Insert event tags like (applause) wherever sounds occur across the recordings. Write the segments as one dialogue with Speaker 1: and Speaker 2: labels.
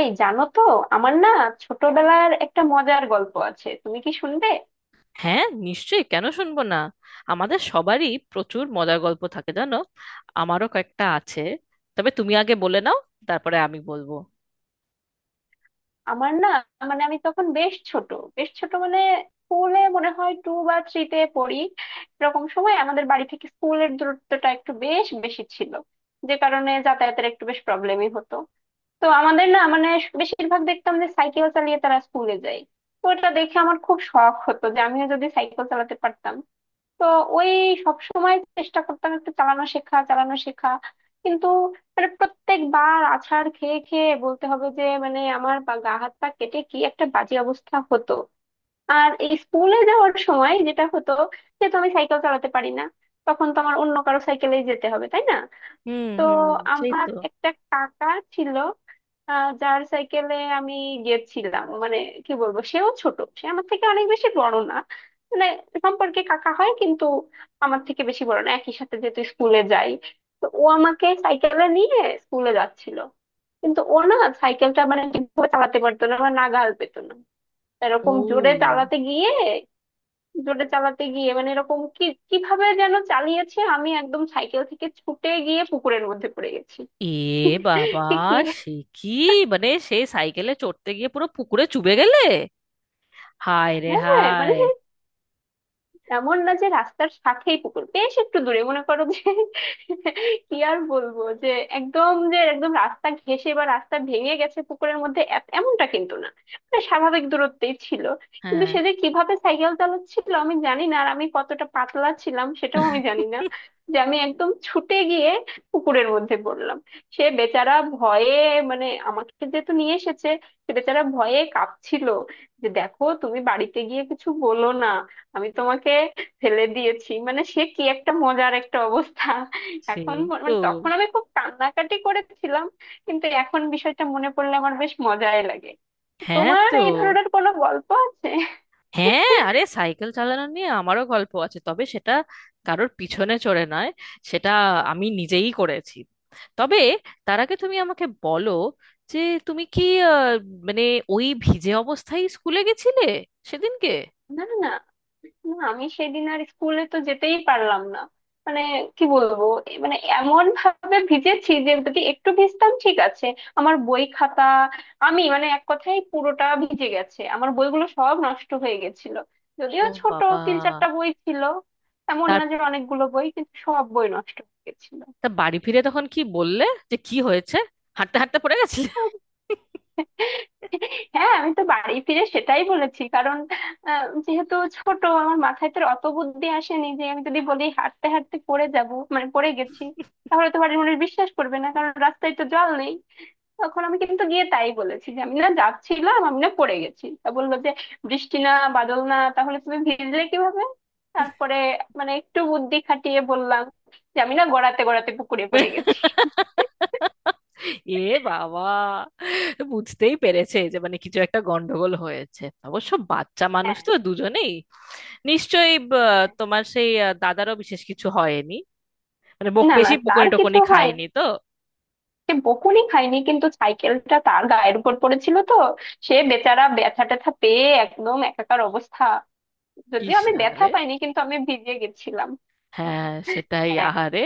Speaker 1: এই জানো তো? আমার না, ছোটবেলার একটা মজার গল্প আছে, তুমি কি শুনবে?
Speaker 2: হ্যাঁ, নিশ্চয়ই। কেন শুনবো না? আমাদের সবারই প্রচুর মজার গল্প থাকে, জানো। আমারও কয়েকটা আছে, তবে তুমি আগে বলে নাও, তারপরে আমি বলবো।
Speaker 1: আমার না, মানে আমি তখন বেশ ছোট। বেশ ছোট মানে, স্কুলে মনে হয় টু বা থ্রিতে পড়ি। এরকম সময় আমাদের বাড়ি থেকে স্কুলের দূরত্বটা একটু বেশ বেশি ছিল, যে কারণে যাতায়াতের একটু বেশ প্রবলেমই হতো। তো আমাদের না, মানে বেশিরভাগ দেখতাম যে সাইকেল চালিয়ে তারা স্কুলে যায়। তো ওটা দেখে আমার খুব শখ হতো যে আমিও যদি সাইকেল চালাতে পারতাম। তো ওই সব সময় চেষ্টা করতাম, একটু চালানো শেখা চালানো শেখা, কিন্তু মানে প্রত্যেকবার আছাড় খেয়ে খেয়ে বলতে হবে যে মানে আমার বা গা হাত পা কেটে কি একটা বাজে অবস্থা হতো। আর এই স্কুলে যাওয়ার সময় যেটা হতো, যেহেতু আমি সাইকেল চালাতে পারি না, তখন তো আমার অন্য কারো সাইকেলেই যেতে হবে তাই না?
Speaker 2: হুম,
Speaker 1: তো
Speaker 2: হুম। সেই
Speaker 1: আমার
Speaker 2: তো।
Speaker 1: একটা কাকা ছিল, যার সাইকেলে আমি গেছিলাম। মানে কি বলবো, সেও ছোট, সে আমার থেকে অনেক বেশি বড় না। মানে সম্পর্কে কাকা হয়, কিন্তু আমার থেকে বেশি বড় না, একই সাথে যেহেতু স্কুলে যাই। তো ও আমাকে সাইকেলে নিয়ে স্কুলে যাচ্ছিল, কিন্তু ও না সাইকেলটা মানে ঠিকভাবে চালাতে পারতো না বা নাগাল পেত না। এরকম জোরে
Speaker 2: ও,
Speaker 1: চালাতে গিয়ে, জোরে চালাতে গিয়ে মানে এরকম কি, কিভাবে যেন চালিয়েছে, আমি একদম সাইকেল থেকে ছুটে গিয়ে পুকুরের মধ্যে পড়ে গেছি।
Speaker 2: এ বাবা!
Speaker 1: সে কি, হ্যাঁ!
Speaker 2: সে কি! মানে সেই সাইকেলে চড়তে গিয়ে পুরো পুকুরে চুবে গেলে? হায় রে
Speaker 1: মানে
Speaker 2: হায়!
Speaker 1: এমন না যে রাস্তার সাথেই পুকুর, বেশ একটু দূরে মনে করো যে। (laughs) কি আর বলবো যে একদম, যে একদম রাস্তা ঘেঁষে বা রাস্তা ভেঙে গেছে পুকুরের মধ্যে, এমনটা কিন্তু না, মানে স্বাভাবিক দূরত্বেই ছিল। কিন্তু
Speaker 2: হ্যাঁ।
Speaker 1: সে যে কিভাবে সাইকেল চালাচ্ছিল আমি জানি না, আর আমি কতটা পাতলা ছিলাম সেটাও আমি
Speaker 2: (laughs)
Speaker 1: জানি না, যে আমি একদম ছুটে গিয়ে পুকুরের মধ্যে পড়লাম। সে বেচারা ভয়ে, মানে আমাকে যেহেতু নিয়ে এসেছে, সে বেচারা ভয়ে কাঁপছিল যে দেখো তুমি বাড়িতে গিয়ে কিছু বলো না, আমি তোমাকে ফেলে দিয়েছি, মানে সে কি একটা মজার একটা অবস্থা।
Speaker 2: সেই
Speaker 1: এখন
Speaker 2: তো।
Speaker 1: মানে তখন আমি খুব কান্নাকাটি করেছিলাম, কিন্তু এখন বিষয়টা মনে পড়লে আমার বেশ মজাই লাগে।
Speaker 2: হ্যাঁ,
Speaker 1: তোমার
Speaker 2: তো
Speaker 1: এই ধরনের কোনো গল্প আছে?
Speaker 2: হ্যাঁ আরে, সাইকেল চালানো নিয়ে আমারও গল্প আছে, তবে সেটা কারোর পিছনে চড়ে নয়। সেটা আমি নিজেই করেছি। তবে তার আগে তুমি আমাকে বলো, যে তুমি কি আহ, মানে ওই ভিজে অবস্থায় স্কুলে গেছিলে সেদিনকে?
Speaker 1: না না না, আমি সেদিন আর স্কুলে তো যেতেই পারলাম না। মানে কি বলবো, এ মানে এমন ভাবে ভিজেছি, যে যদি একটু ভিজতাম ঠিক আছে, আমার বই খাতা আমি মানে এক কথায় পুরোটা ভিজে গেছে, আমার বইগুলো সব নষ্ট হয়ে গেছিল। যদিও
Speaker 2: ও
Speaker 1: ছোট,
Speaker 2: বাবা!
Speaker 1: তিন চারটা বই ছিল, এমন
Speaker 2: তার
Speaker 1: না যে অনেকগুলো বই, কিন্তু সব বই নষ্ট হয়ে গেছিল।
Speaker 2: তা বাড়ি ফিরে তখন কি বললে, যে কি হয়েছে, হাঁটতে হাঁটতে পড়ে গেছিলে?
Speaker 1: হ্যাঁ আমি তো বাড়ি ফিরে সেটাই বলেছি, কারণ যেহেতু ছোট আমার মাথায় তো আর অত বুদ্ধি আসেনি যে আমি যদি বলি হাঁটতে হাঁটতে পড়ে যাব, মানে পড়ে গেছি, তাহলে তো বাড়ির মানুষ বিশ্বাস করবে না, কারণ রাস্তায় তো জল নেই। তখন আমি কিন্তু গিয়ে তাই বলেছি যে আমি না যাচ্ছিলাম, আমি না পড়ে গেছি। তা বললো যে বৃষ্টি না বাদল না, তাহলে তুমি ভিজলে কিভাবে? তারপরে মানে একটু বুদ্ধি খাটিয়ে বললাম যে আমি না গড়াতে গড়াতে পুকুরে পড়ে গেছি।
Speaker 2: এ বাবা! বুঝতেই পেরেছে যে মানে কিছু একটা গন্ডগোল হয়েছে। অবশ্য বাচ্চা মানুষ
Speaker 1: হ্যাঁ,
Speaker 2: তো দুজনেই। নিশ্চয়ই
Speaker 1: হ্যাঁ।
Speaker 2: তোমার সেই দাদারও বিশেষ কিছু হয়নি? মানে বক
Speaker 1: না না,
Speaker 2: বেশি বকুনি
Speaker 1: তার
Speaker 2: টকুনি
Speaker 1: কিছু হয়নি,
Speaker 2: খায়নি তো?
Speaker 1: সে বকুনি খায়নি, কিন্তু সাইকেলটা তার গায়ের উপর পড়েছিল তো, সে বেচারা ব্যথা ট্যাথা পেয়ে একদম একাকার অবস্থা। যদিও
Speaker 2: ইস!
Speaker 1: আমি ব্যথা
Speaker 2: আরে
Speaker 1: পাইনি, কিন্তু আমি ভিজে গেছিলাম।
Speaker 2: হ্যাঁ, সেটাই,
Speaker 1: হ্যাঁ।
Speaker 2: আহারে।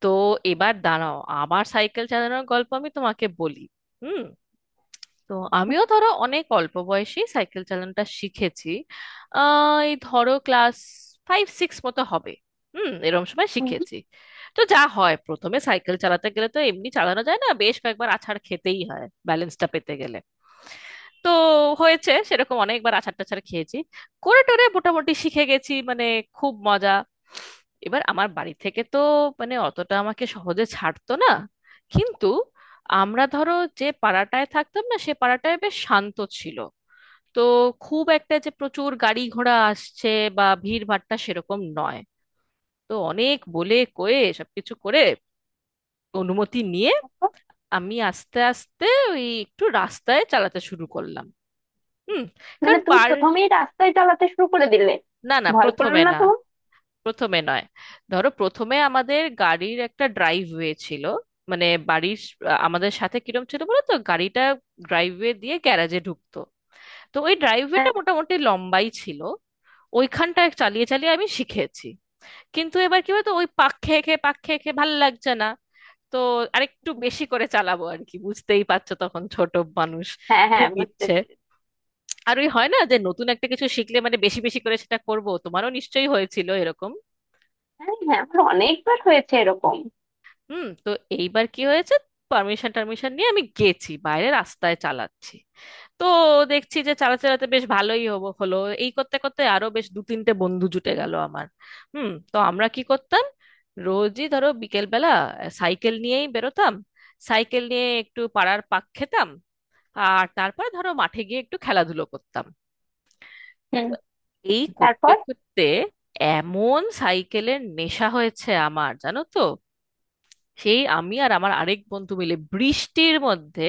Speaker 2: তো এবার দাঁড়াও, আমার সাইকেল চালানোর গল্প আমি তোমাকে বলি। হুম। তো আমিও ধরো অনেক অল্প বয়সে সাইকেল চালানোটা শিখেছি। আহ, এই ধরো ক্লাস ফাইভ সিক্স মতো হবে। হুম, এরকম সময়
Speaker 1: হুম।
Speaker 2: শিখেছি। তো যা হয়, প্রথমে সাইকেল চালাতে গেলে তো এমনি চালানো যায় না, বেশ কয়েকবার আছাড় খেতেই হয় ব্যালেন্সটা পেতে গেলে। তো হয়েছে সেরকম, অনেকবার আচার টাচার খেয়েছি। করে টোরে মোটামুটি শিখে গেছি, মানে খুব মজা। এবার আমার বাড়ি থেকে তো মানে অতটা আমাকে সহজে ছাড়তো না, কিন্তু আমরা ধরো যে পাড়াটায় থাকতাম না, সে পাড়াটায় বেশ শান্ত ছিল। তো খুব একটা যে প্রচুর গাড়ি ঘোড়া আসছে বা ভিড় ভাট্টা, সেরকম নয়। তো অনেক বলে কয়ে সবকিছু করে, অনুমতি নিয়ে আমি আস্তে আস্তে ওই একটু রাস্তায় চালাতে শুরু করলাম। হুম,
Speaker 1: মানে
Speaker 2: কারণ
Speaker 1: তুমি
Speaker 2: পার
Speaker 1: প্রথমেই রাস্তায় চালাতে শুরু করে দিলে?
Speaker 2: না না,
Speaker 1: ভয় করলো
Speaker 2: প্রথমে
Speaker 1: না
Speaker 2: না।
Speaker 1: তো?
Speaker 2: প্রথমে নয়। ধরো প্রথমে আমাদের গাড়ির একটা ড্রাইভওয়ে ছিল, মানে আমাদের সাথে কিরম ছিল বলো তো, গাড়িটা ড্রাইভওয়ে দিয়ে গ্যারাজে ঢুকতো। তো ওই ড্রাইভওয়েটা
Speaker 1: হ্যাঁ
Speaker 2: মোটামুটি লম্বাই ছিল, ওইখানটা চালিয়ে চালিয়ে আমি শিখেছি। কিন্তু এবার কি বলতো, ওই পাক খেয়ে খেয়ে পাক খেয়ে খেয়ে ভালো লাগছে না। তো আরেকটু বেশি করে চালাবো আর কি, বুঝতেই পারছো তখন ছোট মানুষ,
Speaker 1: হ্যাঁ। হ্যাঁ
Speaker 2: খুব
Speaker 1: বুঝতে
Speaker 2: ইচ্ছে।
Speaker 1: পেরেছি।
Speaker 2: আর ওই হয় না যে নতুন একটা কিছু শিখলে মানে বেশি বেশি করে সেটা করব, তোমারও নিশ্চয়ই হয়েছিল এরকম।
Speaker 1: হ্যাঁ হ্যাঁ, আমার অনেকবার হয়েছে এরকম।
Speaker 2: হুম, তো এইবার কি হয়েছে, পারমিশন টারমিশন নিয়ে আমি গেছি বাইরে, রাস্তায় চালাচ্ছি। তো দেখছি যে চালাতে চালাতে বেশ ভালোই হবো হলো। এই করতে করতে আরো বেশ দু তিনটে বন্ধু জুটে গেল আমার। হুম, তো আমরা কি করতাম, রোজই ধরো বিকেলবেলা সাইকেল নিয়েই বেরোতাম। সাইকেল নিয়ে একটু পাড়ার পাক খেতাম, আর তারপরে ধরো মাঠে গিয়ে একটু খেলাধুলো করতাম।
Speaker 1: হুম।
Speaker 2: তো এই করতে
Speaker 1: তারপর?
Speaker 2: করতে এমন সাইকেলের নেশা হয়েছে আমার, জানো তো, সেই আমি আর আমার আরেক বন্ধু মিলে বৃষ্টির মধ্যে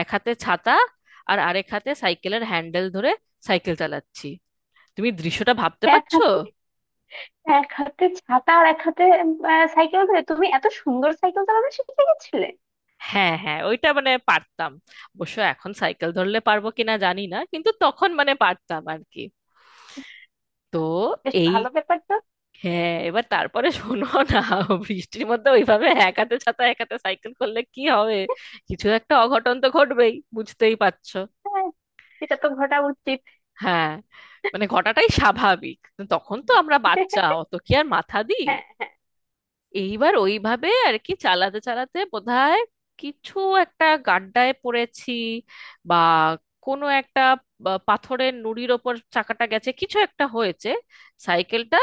Speaker 2: এক হাতে ছাতা আর আরেক হাতে সাইকেলের হ্যান্ডেল ধরে সাইকেল চালাচ্ছি। তুমি দৃশ্যটা ভাবতে
Speaker 1: এক
Speaker 2: পারছো?
Speaker 1: হাতে, এক হাতে ছাতা, আর এক হাতে সাইকেল ধরে তুমি এত সুন্দর সাইকেল চালানো শিখে গেছিলে?
Speaker 2: হ্যাঁ হ্যাঁ, ওইটা মানে পারতাম। অবশ্য এখন সাইকেল ধরলে পারবো কিনা জানি না, কিন্তু তখন মানে পারতাম আর কি। তো
Speaker 1: বেশ
Speaker 2: এই
Speaker 1: ভালো ব্যাপার তো।
Speaker 2: হ্যাঁ, এবার তারপরে শোনো না, বৃষ্টির মধ্যে ওইভাবে এক হাতে ছাতা এক হাতে সাইকেল করলে কি হবে, কিছু একটা অঘটন তো ঘটবেই, বুঝতেই পারছো।
Speaker 1: হ্যাঁ, সেটা তো ঘটা উচিত।
Speaker 2: হ্যাঁ, মানে ঘটাটাই স্বাভাবিক, তখন তো আমরা বাচ্চা, অত কি আর মাথা দিই।
Speaker 1: হ্যাঁ।
Speaker 2: এইবার ওইভাবে আর কি চালাতে চালাতে বোধহয় কিছু একটা গাড্ডায় পড়েছি, বা কোনো একটা, পাথরের নুড়ির ওপর চাকাটা গেছে, কিছু একটা হয়েছে, সাইকেলটা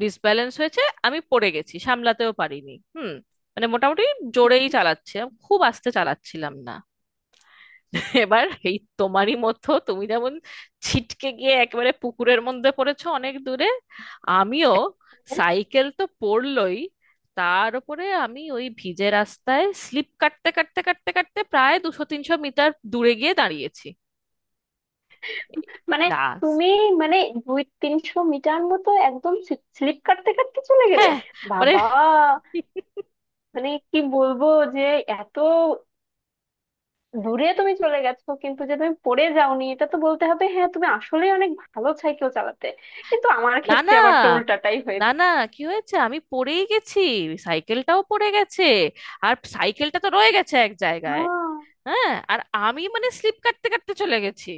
Speaker 2: ডিসব্যালেন্স হয়েছে। আমি পড়ে গেছি, সামলাতেও পারিনি। হুম, মানে মোটামুটি জোরেই চালাচ্ছিলাম, খুব আস্তে চালাচ্ছিলাম না। (laughs) এবার এই তোমারই মতো, তুমি যেমন ছিটকে গিয়ে একেবারে পুকুরের মধ্যে পড়েছো অনেক দূরে, আমিও সাইকেল তো পড়লই, তার উপরে আমি ওই ভিজে রাস্তায় স্লিপ কাটতে কাটতে কাটতে কাটতে প্রায় দুশো তিনশো মিটার দূরে গিয়ে দাঁড়িয়েছি।
Speaker 1: মানে
Speaker 2: রাস
Speaker 1: তুমি, মানে 200-300 মিটার মতো একদম স্লিপ কাটতে কাটতে চলে গেলে?
Speaker 2: হ্যাঁ মানে
Speaker 1: বাবা! মানে কি বলবো যে এত দূরে তুমি চলে গেছো, কিন্তু যে তুমি পড়ে যাওনি এটা তো বলতে হবে, হ্যাঁ তুমি আসলেই অনেক ভালো সাইকেল চালাতে। কিন্তু আমার
Speaker 2: না না,
Speaker 1: ক্ষেত্রে আবার তো উল্টাটাই
Speaker 2: না
Speaker 1: হয়েছে।
Speaker 2: না, কি হয়েছে, আমি পড়েই গেছি, সাইকেলটাও পড়ে গেছে, আর সাইকেলটা তো রয়ে গেছে এক জায়গায়।
Speaker 1: আহ,
Speaker 2: হ্যাঁ, আর আমি মানে স্লিপ কাটতে কাটতে চলে গেছি,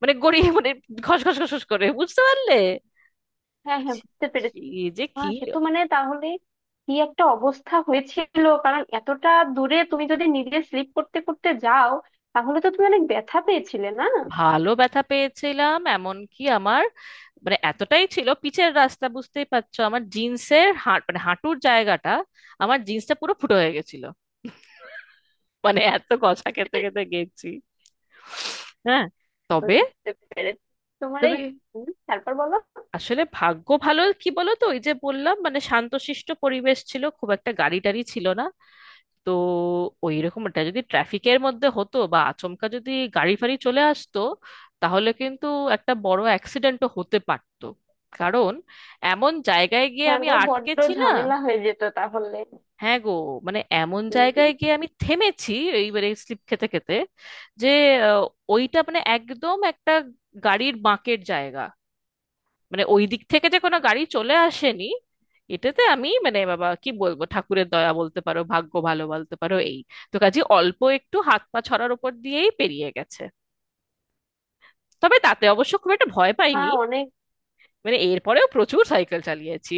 Speaker 2: মানে গড়িয়ে মানে ঘস ঘস ঘস ঘস করে, বুঝতে পারলে?
Speaker 1: হ্যাঁ। হ্যাঁ বুঝতে
Speaker 2: সে
Speaker 1: পেরেছি।
Speaker 2: যে কি!
Speaker 1: হ্যাঁ সে তো, মানে তাহলে কি একটা অবস্থা হয়েছিল, কারণ এতটা দূরে তুমি যদি নিজে স্লিপ করতে করতে যাও, তাহলে তো তুমি অনেক ব্যথা পেয়েছিলে না?
Speaker 2: ভালো ব্যথা পেয়েছিলাম, এমনকি আমার মানে এতটাই ছিল পিচের রাস্তা, বুঝতেই পারছো, আমার জিন্সের মানে হাঁটুর জায়গাটা, আমার জিন্সটা পুরো ফুটো হয়ে গেছিল, মানে এত কষা খেতে খেতে গেছি। হ্যাঁ, তবে
Speaker 1: বুঝতে পেরেছি তোমার
Speaker 2: তবে
Speaker 1: এই। হুম, তারপর বলো।
Speaker 2: আসলে ভাগ্য ভালো, কি বলো তো, ওই যে বললাম মানে শান্তশিষ্ট পরিবেশ ছিল, খুব একটা গাড়ি টাড়ি ছিল না। তো ওই রকম এটা যদি ট্রাফিকের মধ্যে হতো, বা আচমকা যদি গাড়ি ফাড়ি চলে আসতো, তাহলে কিন্তু একটা বড় অ্যাক্সিডেন্টও হতে পারতো। কারণ এমন জায়গায় গিয়ে
Speaker 1: হ্যাঁ
Speaker 2: আমি
Speaker 1: গো, বড্ড
Speaker 2: আটকেছি না,
Speaker 1: ঝামেলা হয়ে যেত তাহলে।
Speaker 2: হ্যাঁ গো, মানে এমন জায়গায়
Speaker 1: হম।
Speaker 2: গিয়ে আমি থেমেছি এইবারে স্লিপ খেতে খেতে, যে আহ, ওইটা মানে একদম একটা গাড়ির বাঁকের জায়গা, মানে ওই দিক থেকে যে কোনো গাড়ি চলে আসেনি, এটাতে আমি মানে বাবা কি বলবো, ঠাকুরের দয়া বলতে পারো, ভাগ্য ভালো বলতে পারো এই। তো কাজে অল্প একটু হাত পা ছড়ার উপর দিয়েই পেরিয়ে গেছে। তবে তাতে অবশ্য খুব একটা ভয় পাইনি,
Speaker 1: হ্যাঁ অনেক।
Speaker 2: মানে এরপরেও প্রচুর সাইকেল চালিয়েছি।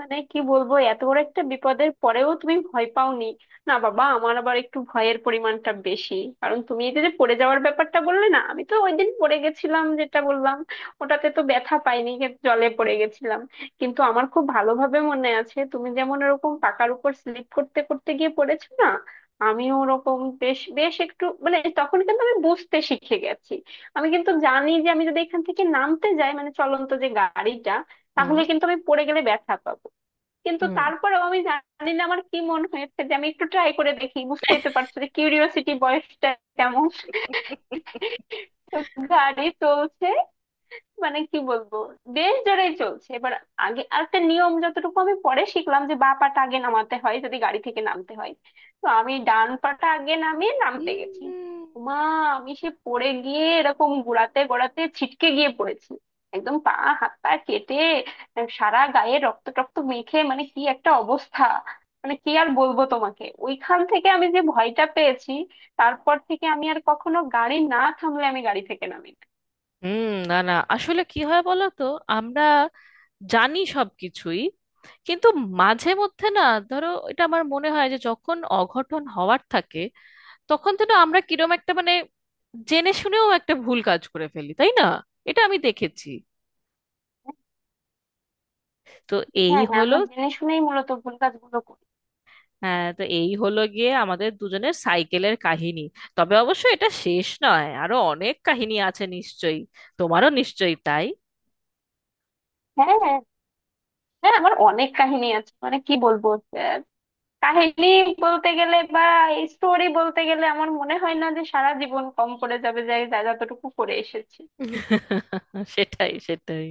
Speaker 1: মানে কি বলবো, এত বড় একটা বিপদের পরেও তুমি ভয় পাওনি? না বাবা, আমার আবার একটু ভয়ের পরিমাণটা বেশি। কারণ তুমি এই যে যে পড়ে যাওয়ার ব্যাপারটা বললে না, আমি তো ওই দিন পড়ে গেছিলাম যেটা বললাম, ওটাতে তো ব্যথা পাইনি, কিন্তু জলে পড়ে গেছিলাম। কিন্তু আমার খুব ভালোভাবে মনে আছে, তুমি যেমন এরকম পাকার উপর স্লিপ করতে করতে গিয়ে পড়েছো না, আমিও ওরকম বেশ, বেশ একটু, মানে তখন কিন্তু আমি বুঝতে শিখে গেছি। আমি কিন্তু জানি যে আমি যদি এখান থেকে নামতে যাই, মানে চলন্ত যে গাড়িটা,
Speaker 2: হুম,
Speaker 1: তাহলে কিন্তু আমি পড়ে গেলে ব্যথা পাবো। কিন্তু
Speaker 2: হুম।
Speaker 1: তারপরেও আমি জানি না আমার কি মনে হয়েছে, যে আমি একটু ট্রাই করে দেখি, বুঝতেই তো পারছো যে কিউরিওসিটি বয়সটা কেমন। তো গাড়ি চলছে, মানে কি বলবো, দেশ জোড়াই চলছে এবার। আগে আরেকটা নিয়ম যতটুকু আমি পরে শিখলাম, যে বা পাটা আগে নামাতে হয় যদি গাড়ি থেকে নামতে হয়। তো আমি ডান পাটা আগে নামিয়ে নামতে
Speaker 2: হুম,
Speaker 1: গেছি। মা! আমি সে পড়ে গিয়ে এরকম গোড়াতে গোড়াতে ছিটকে গিয়ে পড়েছি, একদম পা, হাত পা কেটে, সারা গায়ে রক্ত টক্ত মেখে মানে কি একটা অবস্থা। মানে কি আর বলবো তোমাকে, ওইখান থেকে আমি যে ভয়টা পেয়েছি, তারপর থেকে আমি আর কখনো গাড়ি না থামলে আমি গাড়ি থেকে নামি না।
Speaker 2: হুম, না না, আসলে কি হয় বলো তো, আমরা জানি সবকিছুই, কিন্তু মাঝে মধ্যে না ধরো, এটা আমার মনে হয় যে যখন অঘটন হওয়ার থাকে, তখন যেন আমরা কিরম একটা মানে জেনে শুনেও একটা ভুল কাজ করে ফেলি, তাই না? এটা আমি দেখেছি। তো এই
Speaker 1: হ্যাঁ হ্যাঁ,
Speaker 2: হলো
Speaker 1: আমরা জেনে শুনেই মূলত ভুল কাজগুলো করি।
Speaker 2: হ্যাঁ, তো এই হলো গিয়ে আমাদের দুজনের সাইকেলের কাহিনী। তবে অবশ্য এটা শেষ নয়, আরো অনেক কাহিনী আছে নিশ্চয়ই, তোমারও নিশ্চয়ই তাই।
Speaker 1: হ্যাঁ হ্যাঁ। হ্যাঁ, আমার অনেক কাহিনী আছে, মানে কি বলবো, আহ, কাহিনী বলতে গেলে বা স্টোরি বলতে গেলে আমার মনে হয় না যে সারা জীবন কম করে যাবে, যে যা যতটুকু করে এসেছি।
Speaker 2: (laughs) সেটাই, সেটাই।